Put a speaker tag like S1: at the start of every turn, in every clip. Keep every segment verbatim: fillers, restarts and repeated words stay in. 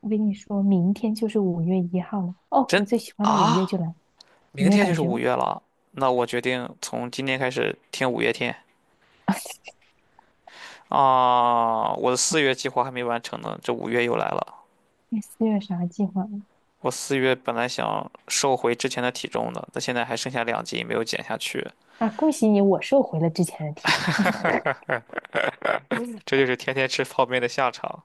S1: 我跟你说，明天就是五月一号了。哦，我
S2: 真
S1: 最喜欢的五月就
S2: 啊，
S1: 来了，你
S2: 明
S1: 没有
S2: 天就
S1: 感
S2: 是
S1: 觉
S2: 五
S1: 吗？
S2: 月了，那我决定从今天开始听五月天 啊。我的四月计划还没完成呢，这五月又来了。
S1: 你四月啥计划吗？
S2: 我四月本来想瘦回之前的体重的，但现在还剩下两斤没有减下去，
S1: 啊，恭喜你，我收回了之前的体重。
S2: 这就是天天吃泡面的下场。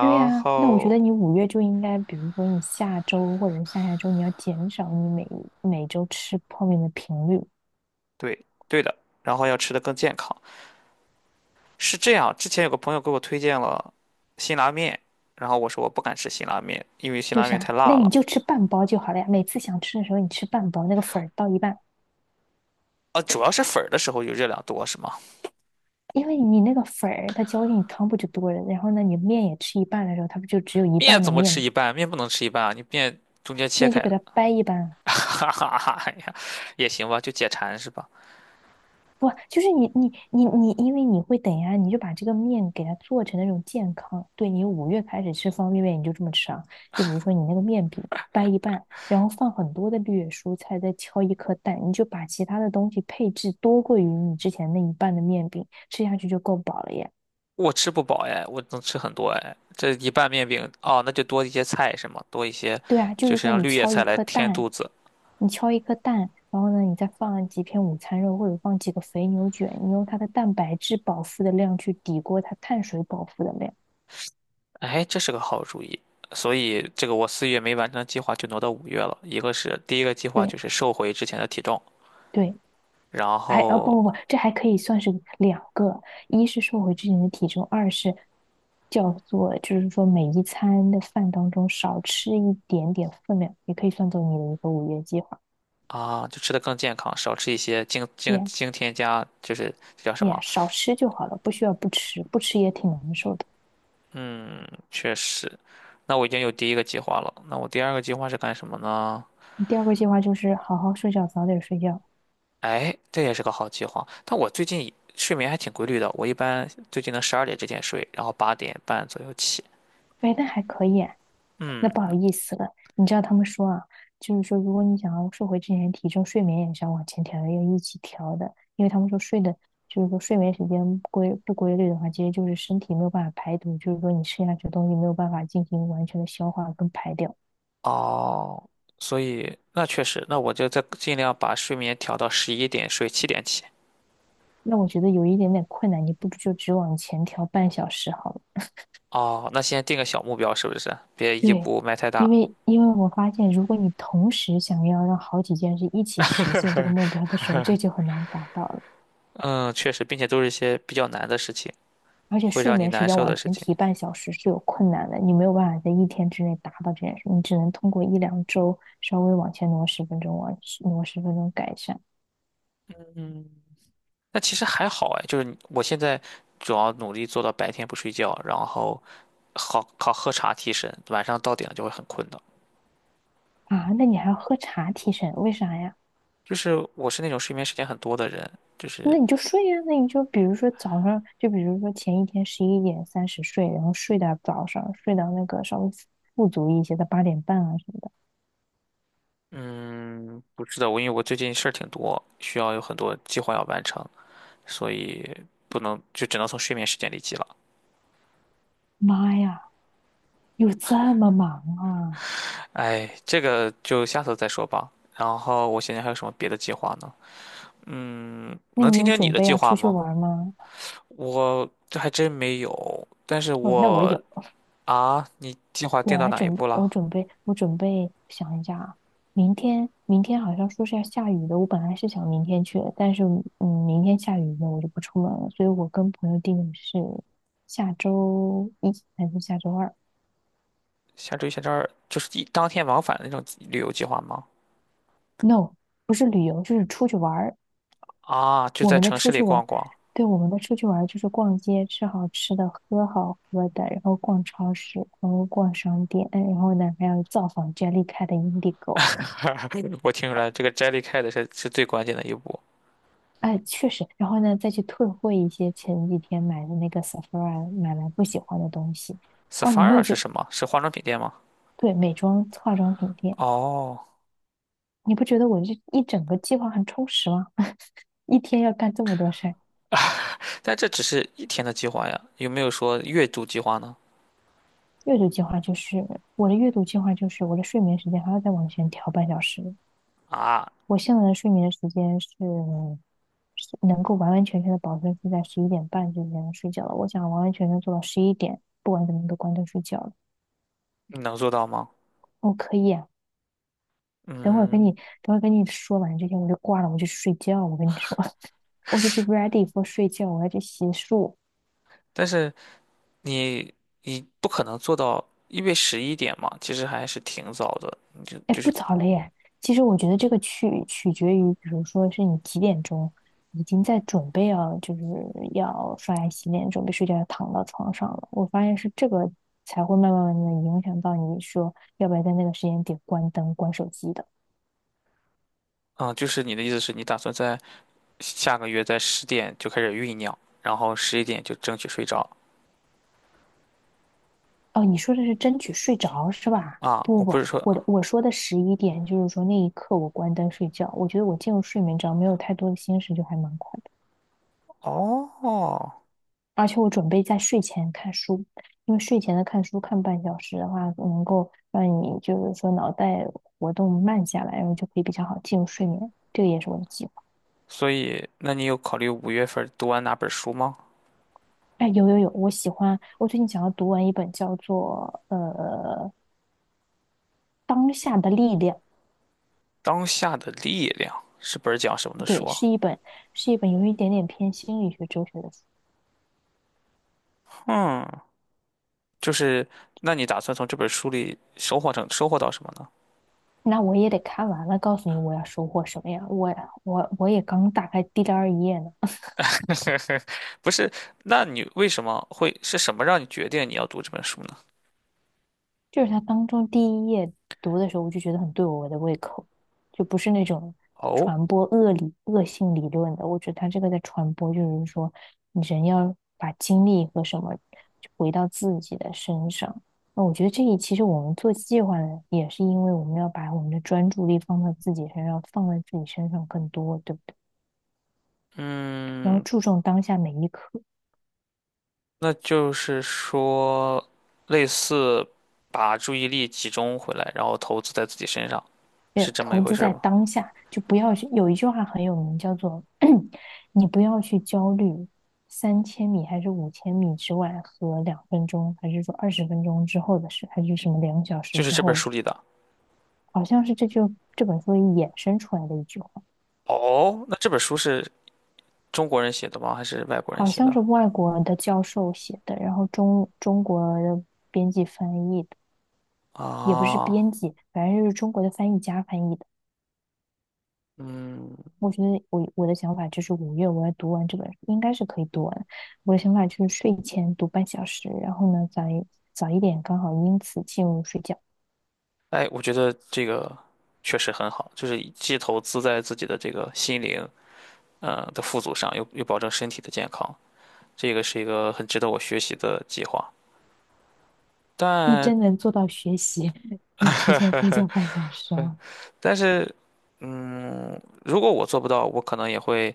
S1: 对呀，那我觉
S2: 后，
S1: 得你五月就应该，比如说你下周或者是下下周，你要减少你每每周吃泡面的频率。
S2: 对对的，然后要吃的更健康。是这样，之前有个朋友给我推荐了辛拉面，然后我说我不敢吃辛拉面，因为辛
S1: 为
S2: 拉面太
S1: 啥？
S2: 辣
S1: 那你
S2: 了。
S1: 就吃半包就好了呀。每次想吃的时候，你吃半包，那个粉儿倒一半，
S2: 啊，主要是粉儿的时候有热量多，是吗？
S1: 因为你那个粉儿它浇进你汤不就多了？然后呢，你面也吃一半的时候，它不就只有一
S2: 面
S1: 半的
S2: 怎么
S1: 面
S2: 吃
S1: 吗？
S2: 一半？面不能吃一半啊，你面中间切
S1: 面
S2: 开
S1: 就给
S2: 的
S1: 它掰一半啊，
S2: 哈哈哈，哎呀，也行吧，就解馋是吧？
S1: 不，就是你你你你，因为你会等呀，你就把这个面给它做成那种健康。对你五月开始吃方便面，你就这么吃啊？就比如说你那个面饼掰一半，然后放很多的绿叶蔬菜，再敲一颗蛋，你就把其他的东西配置多过于你之前那一半的面饼，吃下去就够饱了耶。
S2: 我吃不饱哎，我能吃很多哎。这一半面饼哦，那就多一些菜是吗？多一些，
S1: 对啊，就
S2: 就
S1: 是
S2: 是
S1: 说
S2: 让
S1: 你
S2: 绿叶
S1: 敲
S2: 菜
S1: 一
S2: 来
S1: 颗
S2: 填
S1: 蛋，
S2: 肚子。
S1: 你敲一颗蛋，然后呢，你再放几片午餐肉，或者放几个肥牛卷，你用它的蛋白质饱腹的量去抵过它碳水饱腹的量。
S2: 哎，这是个好主意。所以这个我四月没完成的计划就挪到五月了。一个是第一个计划就
S1: 对，
S2: 是瘦回之前的体重，
S1: 对，
S2: 然
S1: 还哦
S2: 后
S1: 不不不，这还可以算是两个，一是瘦回之前的体重，二是叫做就是说每一餐的饭当中少吃一点点分量，也可以算作你的一个五月计划。
S2: 啊就吃的更健康，少吃一些精精
S1: 耶
S2: 精添加，就是这叫什
S1: 耶，
S2: 么？
S1: 少吃就好了，不需要不吃，不吃也挺难受的。
S2: 确实。那我已经有第一个计划了，那我第二个计划是干什么呢？
S1: 第二个计划就是好好睡觉，早点睡觉。
S2: 哎，这也是个好计划。但我最近睡眠还挺规律的，我一般最近能十二点之前睡，然后八点半左右起。
S1: 哎，那还可以啊。那不
S2: 嗯，
S1: 好意思了，你知道他们说啊，就是说，如果你想要瘦回之前的体重，睡眠也是要往前调的，要一起调的，因为他们说睡的，就是说睡眠时间不规不规律的话，其实就是身体没有办法排毒，就是说你吃下去的东西没有办法进行完全的消化跟排掉。
S2: 哦，所以那确实，那我就再尽量把睡眠调到十一点睡，七点起。
S1: 那我觉得有一点点困难，你不如就只往前调半小时好了。
S2: 哦，那先定个小目标是不是？别一
S1: 对，
S2: 步迈太
S1: 因
S2: 大。
S1: 为因为我发现，如果你同时想要让好几件事一起实现这个目标的时候，这就很难达到了。
S2: 嗯，确实，并且都是一些比较难的事情，
S1: 而且
S2: 会
S1: 睡
S2: 让你
S1: 眠时
S2: 难
S1: 间
S2: 受
S1: 往
S2: 的事
S1: 前
S2: 情。
S1: 提半小时是有困难的，你没有办法在一天之内达到这件事，你只能通过一两周稍微往前挪十分钟，往挪十分钟改善
S2: 那其实还好哎，就是我现在主要努力做到白天不睡觉，然后好靠喝茶提神，晚上到点了就会很困的。
S1: 啊。那你还要喝茶提神，为啥呀？
S2: 就是我是那种睡眠时间很多的人，就是
S1: 那你就睡呀、啊那你就比如说早上，就比如说前一天十一点三十睡，然后睡到早上，睡到那个稍微富足一些的八点半啊什么的。
S2: 嗯，不是的，我因为我最近事儿挺多，需要有很多计划要完成，所以不能就只能从睡眠时间里挤了。
S1: 妈呀，有这么忙啊？
S2: 哎，这个就下次再说吧。然后我现在还有什么别的计划呢？
S1: 那
S2: 能
S1: 你
S2: 听
S1: 有
S2: 听你
S1: 准
S2: 的
S1: 备
S2: 计
S1: 要
S2: 划
S1: 出去
S2: 吗？
S1: 玩吗？
S2: 我这还真没有，但是
S1: 哦，那我
S2: 我
S1: 有，
S2: 啊，你计划定
S1: 我
S2: 到
S1: 来
S2: 哪一
S1: 准备，
S2: 步了？
S1: 我准备，我准备想一下啊，明天，明天好像说是要下雨的，我本来是想明天去的但是嗯，明天下雨呢，我就不出门了，所以我跟朋友定的是下周一还是下周二
S2: 下周一、下周二就是一当天往返的那种旅游计划吗？
S1: ？No，不是旅游，就是出去玩儿。
S2: 啊，就
S1: 我
S2: 在
S1: 们的
S2: 城市
S1: 出
S2: 里
S1: 去玩
S2: 逛
S1: 儿，
S2: 逛。
S1: 对，我们的出去玩儿就是逛街，吃好吃的，喝好喝的，然后逛超市，然后逛商店，嗯然后呢还有造访 Jellycat 的 Indigo。
S2: 我听出来，这个 Jellycat 是是最关键的一步。
S1: 哎，确实，然后呢，再去退货一些前几天买的那个 Sephora 买来不喜欢的东西。哇，你没
S2: Sephora
S1: 有觉
S2: 是
S1: 得
S2: 什么？是化妆品店吗？
S1: 对，美妆化妆品店，
S2: 哦，
S1: 你不觉得我这一整个计划很充实吗？一天要干这么多事儿。
S2: 但这只是一天的计划呀，有没有说月度计划呢？
S1: 阅读计划就是我的阅读计划就是我的睡眠时间还要再往前调半小时。
S2: 啊，
S1: 我现在的睡眠时间是是能够完完全全的保证是在十一点半之前睡觉了。我想完完全全做到十一点，不管怎么都关灯睡觉了。
S2: 你能做到吗？
S1: 我可以啊。等会儿跟你，
S2: 嗯，
S1: 等会儿跟你说完这些，我就挂了，我就去睡觉。我跟你说，我就去 ready for 睡觉，我要去洗漱。
S2: 但是你你不可能做到，因为十一点嘛，其实还是挺早的。你就
S1: 哎，
S2: 就
S1: 不
S2: 是，
S1: 早了耶。其实我觉得这个取取决于，比如说是你几点钟已经在准备要，就是要刷牙洗脸，准备睡觉，要躺到床上了。我发现是这个才会慢慢慢的影响到你说要不要在那个时间点关灯、关手机的。
S2: 嗯，就是你的意思是你打算在。下个月在十点就开始酝酿，然后十一点就争取睡着
S1: 哦，你说的是争取睡着是吧？
S2: 啊。我
S1: 不不
S2: 不
S1: 不，
S2: 是说
S1: 我的我说的十一点就是说那一刻我关灯睡觉，我觉得我进入睡眠只要没有太多的心事就还蛮快的。
S2: 哦，
S1: 而且我准备在睡前看书，因为睡前的看书看半小时的话，能够让你就是说脑袋活动慢下来，然后就可以比较好进入睡眠。这个也是我的计划。
S2: 所以那你有考虑五月份读完哪本书吗？
S1: 哎，有有有，我喜欢，我最近想要读完一本叫做呃《当下的力量》，
S2: 《当下的力量》是本儿讲什么的书
S1: 对，
S2: 啊
S1: 是一本是一本有一点点偏心理学哲学的书。
S2: 嗯，就是那你打算从这本书里收获成收获到什么呢？
S1: 那我也得看完了，告诉你我要收获什么呀？我我我也刚打开第二页呢，
S2: 不是，那你为什么会是什么让你决定你要读这本书呢？
S1: 就是它当中第一页读的时候，我就觉得很对我的胃口，就不是那种
S2: 哦，
S1: 传播恶理恶性理论的。我觉得他这个在传播，就是说人要把精力和什么回到自己的身上。那我觉得这一其实我们做计划呢，也是因为我们要把我们的专注力放到自己身上，放在自己身上更多，对不对？然后
S2: 嗯。
S1: 注重当下每一刻。
S2: 那就是说，类似把注意力集中回来，然后投资在自己身上，是
S1: 对，
S2: 这么一
S1: 投
S2: 回
S1: 资
S2: 事
S1: 在
S2: 吗？
S1: 当下，就不要去。有一句话很有名，叫做 你不要去焦虑三千米还是五千米之外和两分钟，还是说二十分钟之后的事，还是什么两小时
S2: 就是
S1: 之
S2: 这本
S1: 后的
S2: 书
S1: 事，
S2: 里的。
S1: 好像是这就这本书衍生出来的一句话，
S2: 哦，那这本书是中国人写的吗？还是外国人
S1: 好
S2: 写
S1: 像
S2: 的？
S1: 是外国的教授写的，然后中中国的编辑翻译的，也不是
S2: 啊，
S1: 编辑，反正就是中国的翻译家翻译的。
S2: 嗯，
S1: 我觉得我我的想法就是五月我要读完这本书应该是可以读完。我的想法就是睡前读半小时，然后呢早一早一点，刚好因此进入睡觉。
S2: 哎，我觉得这个确实很好，就是既投资在自己的这个心灵，嗯，的富足上，又又保证身体的健康，这个是一个很值得我学习的计划。
S1: 你
S2: 但
S1: 真能做到学习，嗯提前睡觉 半小时吗？
S2: 但是，嗯，如果我做不到，我可能也会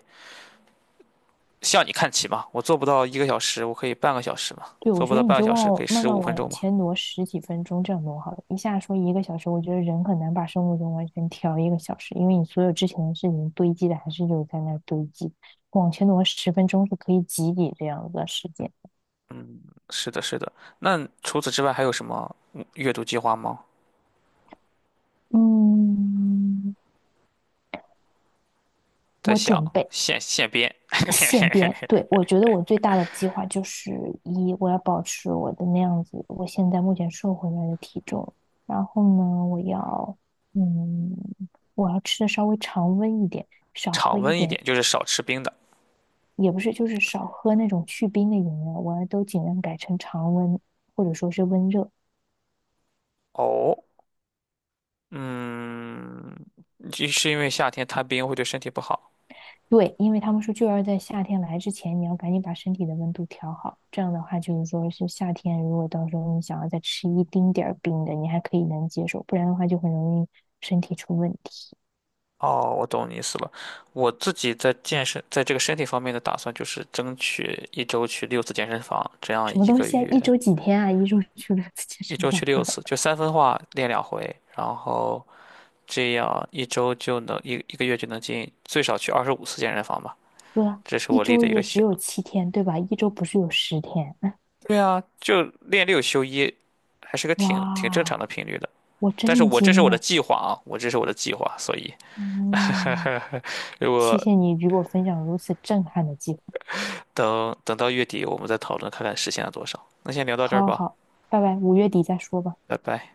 S2: 向你看齐嘛。我做不到一个小时，我可以半个小时嘛。
S1: 对，我
S2: 做不
S1: 觉
S2: 到
S1: 得你
S2: 半个
S1: 就
S2: 小时，可
S1: 往
S2: 以
S1: 慢
S2: 十
S1: 慢
S2: 五分
S1: 往
S2: 钟嘛。
S1: 前挪十几分钟，这样挪好了。一下说一个小时，我觉得人很难把生物钟完全调一个小时，因为你所有之前的事情堆积的还是有在那儿堆积。往前挪十分钟是可以挤挤这样子的时间。
S2: 是的，是的。那除此之外还有什么嗯阅读计划吗？
S1: 嗯，
S2: 在
S1: 我
S2: 想
S1: 准备
S2: 现现编，
S1: 现编，对，我觉得我最大的计划就是一，我要保持我的那样子，我现在目前瘦回来的体重，然后呢，我要，嗯，我要吃的稍微常温一点，少喝
S2: 常
S1: 一
S2: 温一
S1: 点，
S2: 点，就是少吃冰的。
S1: 也不是就是少喝那种去冰的饮料，我要都尽量改成常温或者说是温热，
S2: 哦，嗯，就是因为夏天贪冰会对身体不好。
S1: 对，因为他们说就要在夏天来之前，你要赶紧把身体的温度调好。这样的话，就是说是夏天，如果到时候你想要再吃一丁点儿冰的，你还可以能接受，不然的话就很容易身体出问题。
S2: 哦，我懂你意思了。我自己在健身，在这个身体方面的打算就是争取一周去六次健身房，这样
S1: 什么
S2: 一
S1: 东
S2: 个
S1: 西啊？一
S2: 月
S1: 周几天啊？一周去了次健
S2: 一
S1: 身
S2: 周去
S1: 房？
S2: 六次，就三分化练两回，然后这样一周就能一一个月就能进最少去二十五次健身房吧，
S1: 哥，
S2: 这是
S1: 一
S2: 我立
S1: 周
S2: 的一个
S1: 也只
S2: 小。
S1: 有七天，对吧？一周不是有十天？
S2: 对啊，就练六休一，还是个挺挺正常的
S1: 哇，
S2: 频率的。
S1: 我
S2: 但是
S1: 震
S2: 我这是
S1: 惊
S2: 我的
S1: 了。
S2: 计划啊，我这是我的计划，所以
S1: 嗯，
S2: 如
S1: 谢
S2: 果
S1: 谢你与我分享如此震撼的计划。
S2: 等等到月底，我们再讨论看看实现了多少。那先聊到这
S1: 好
S2: 儿
S1: 好
S2: 吧，
S1: 好，拜拜，五月底再说吧。
S2: 拜拜。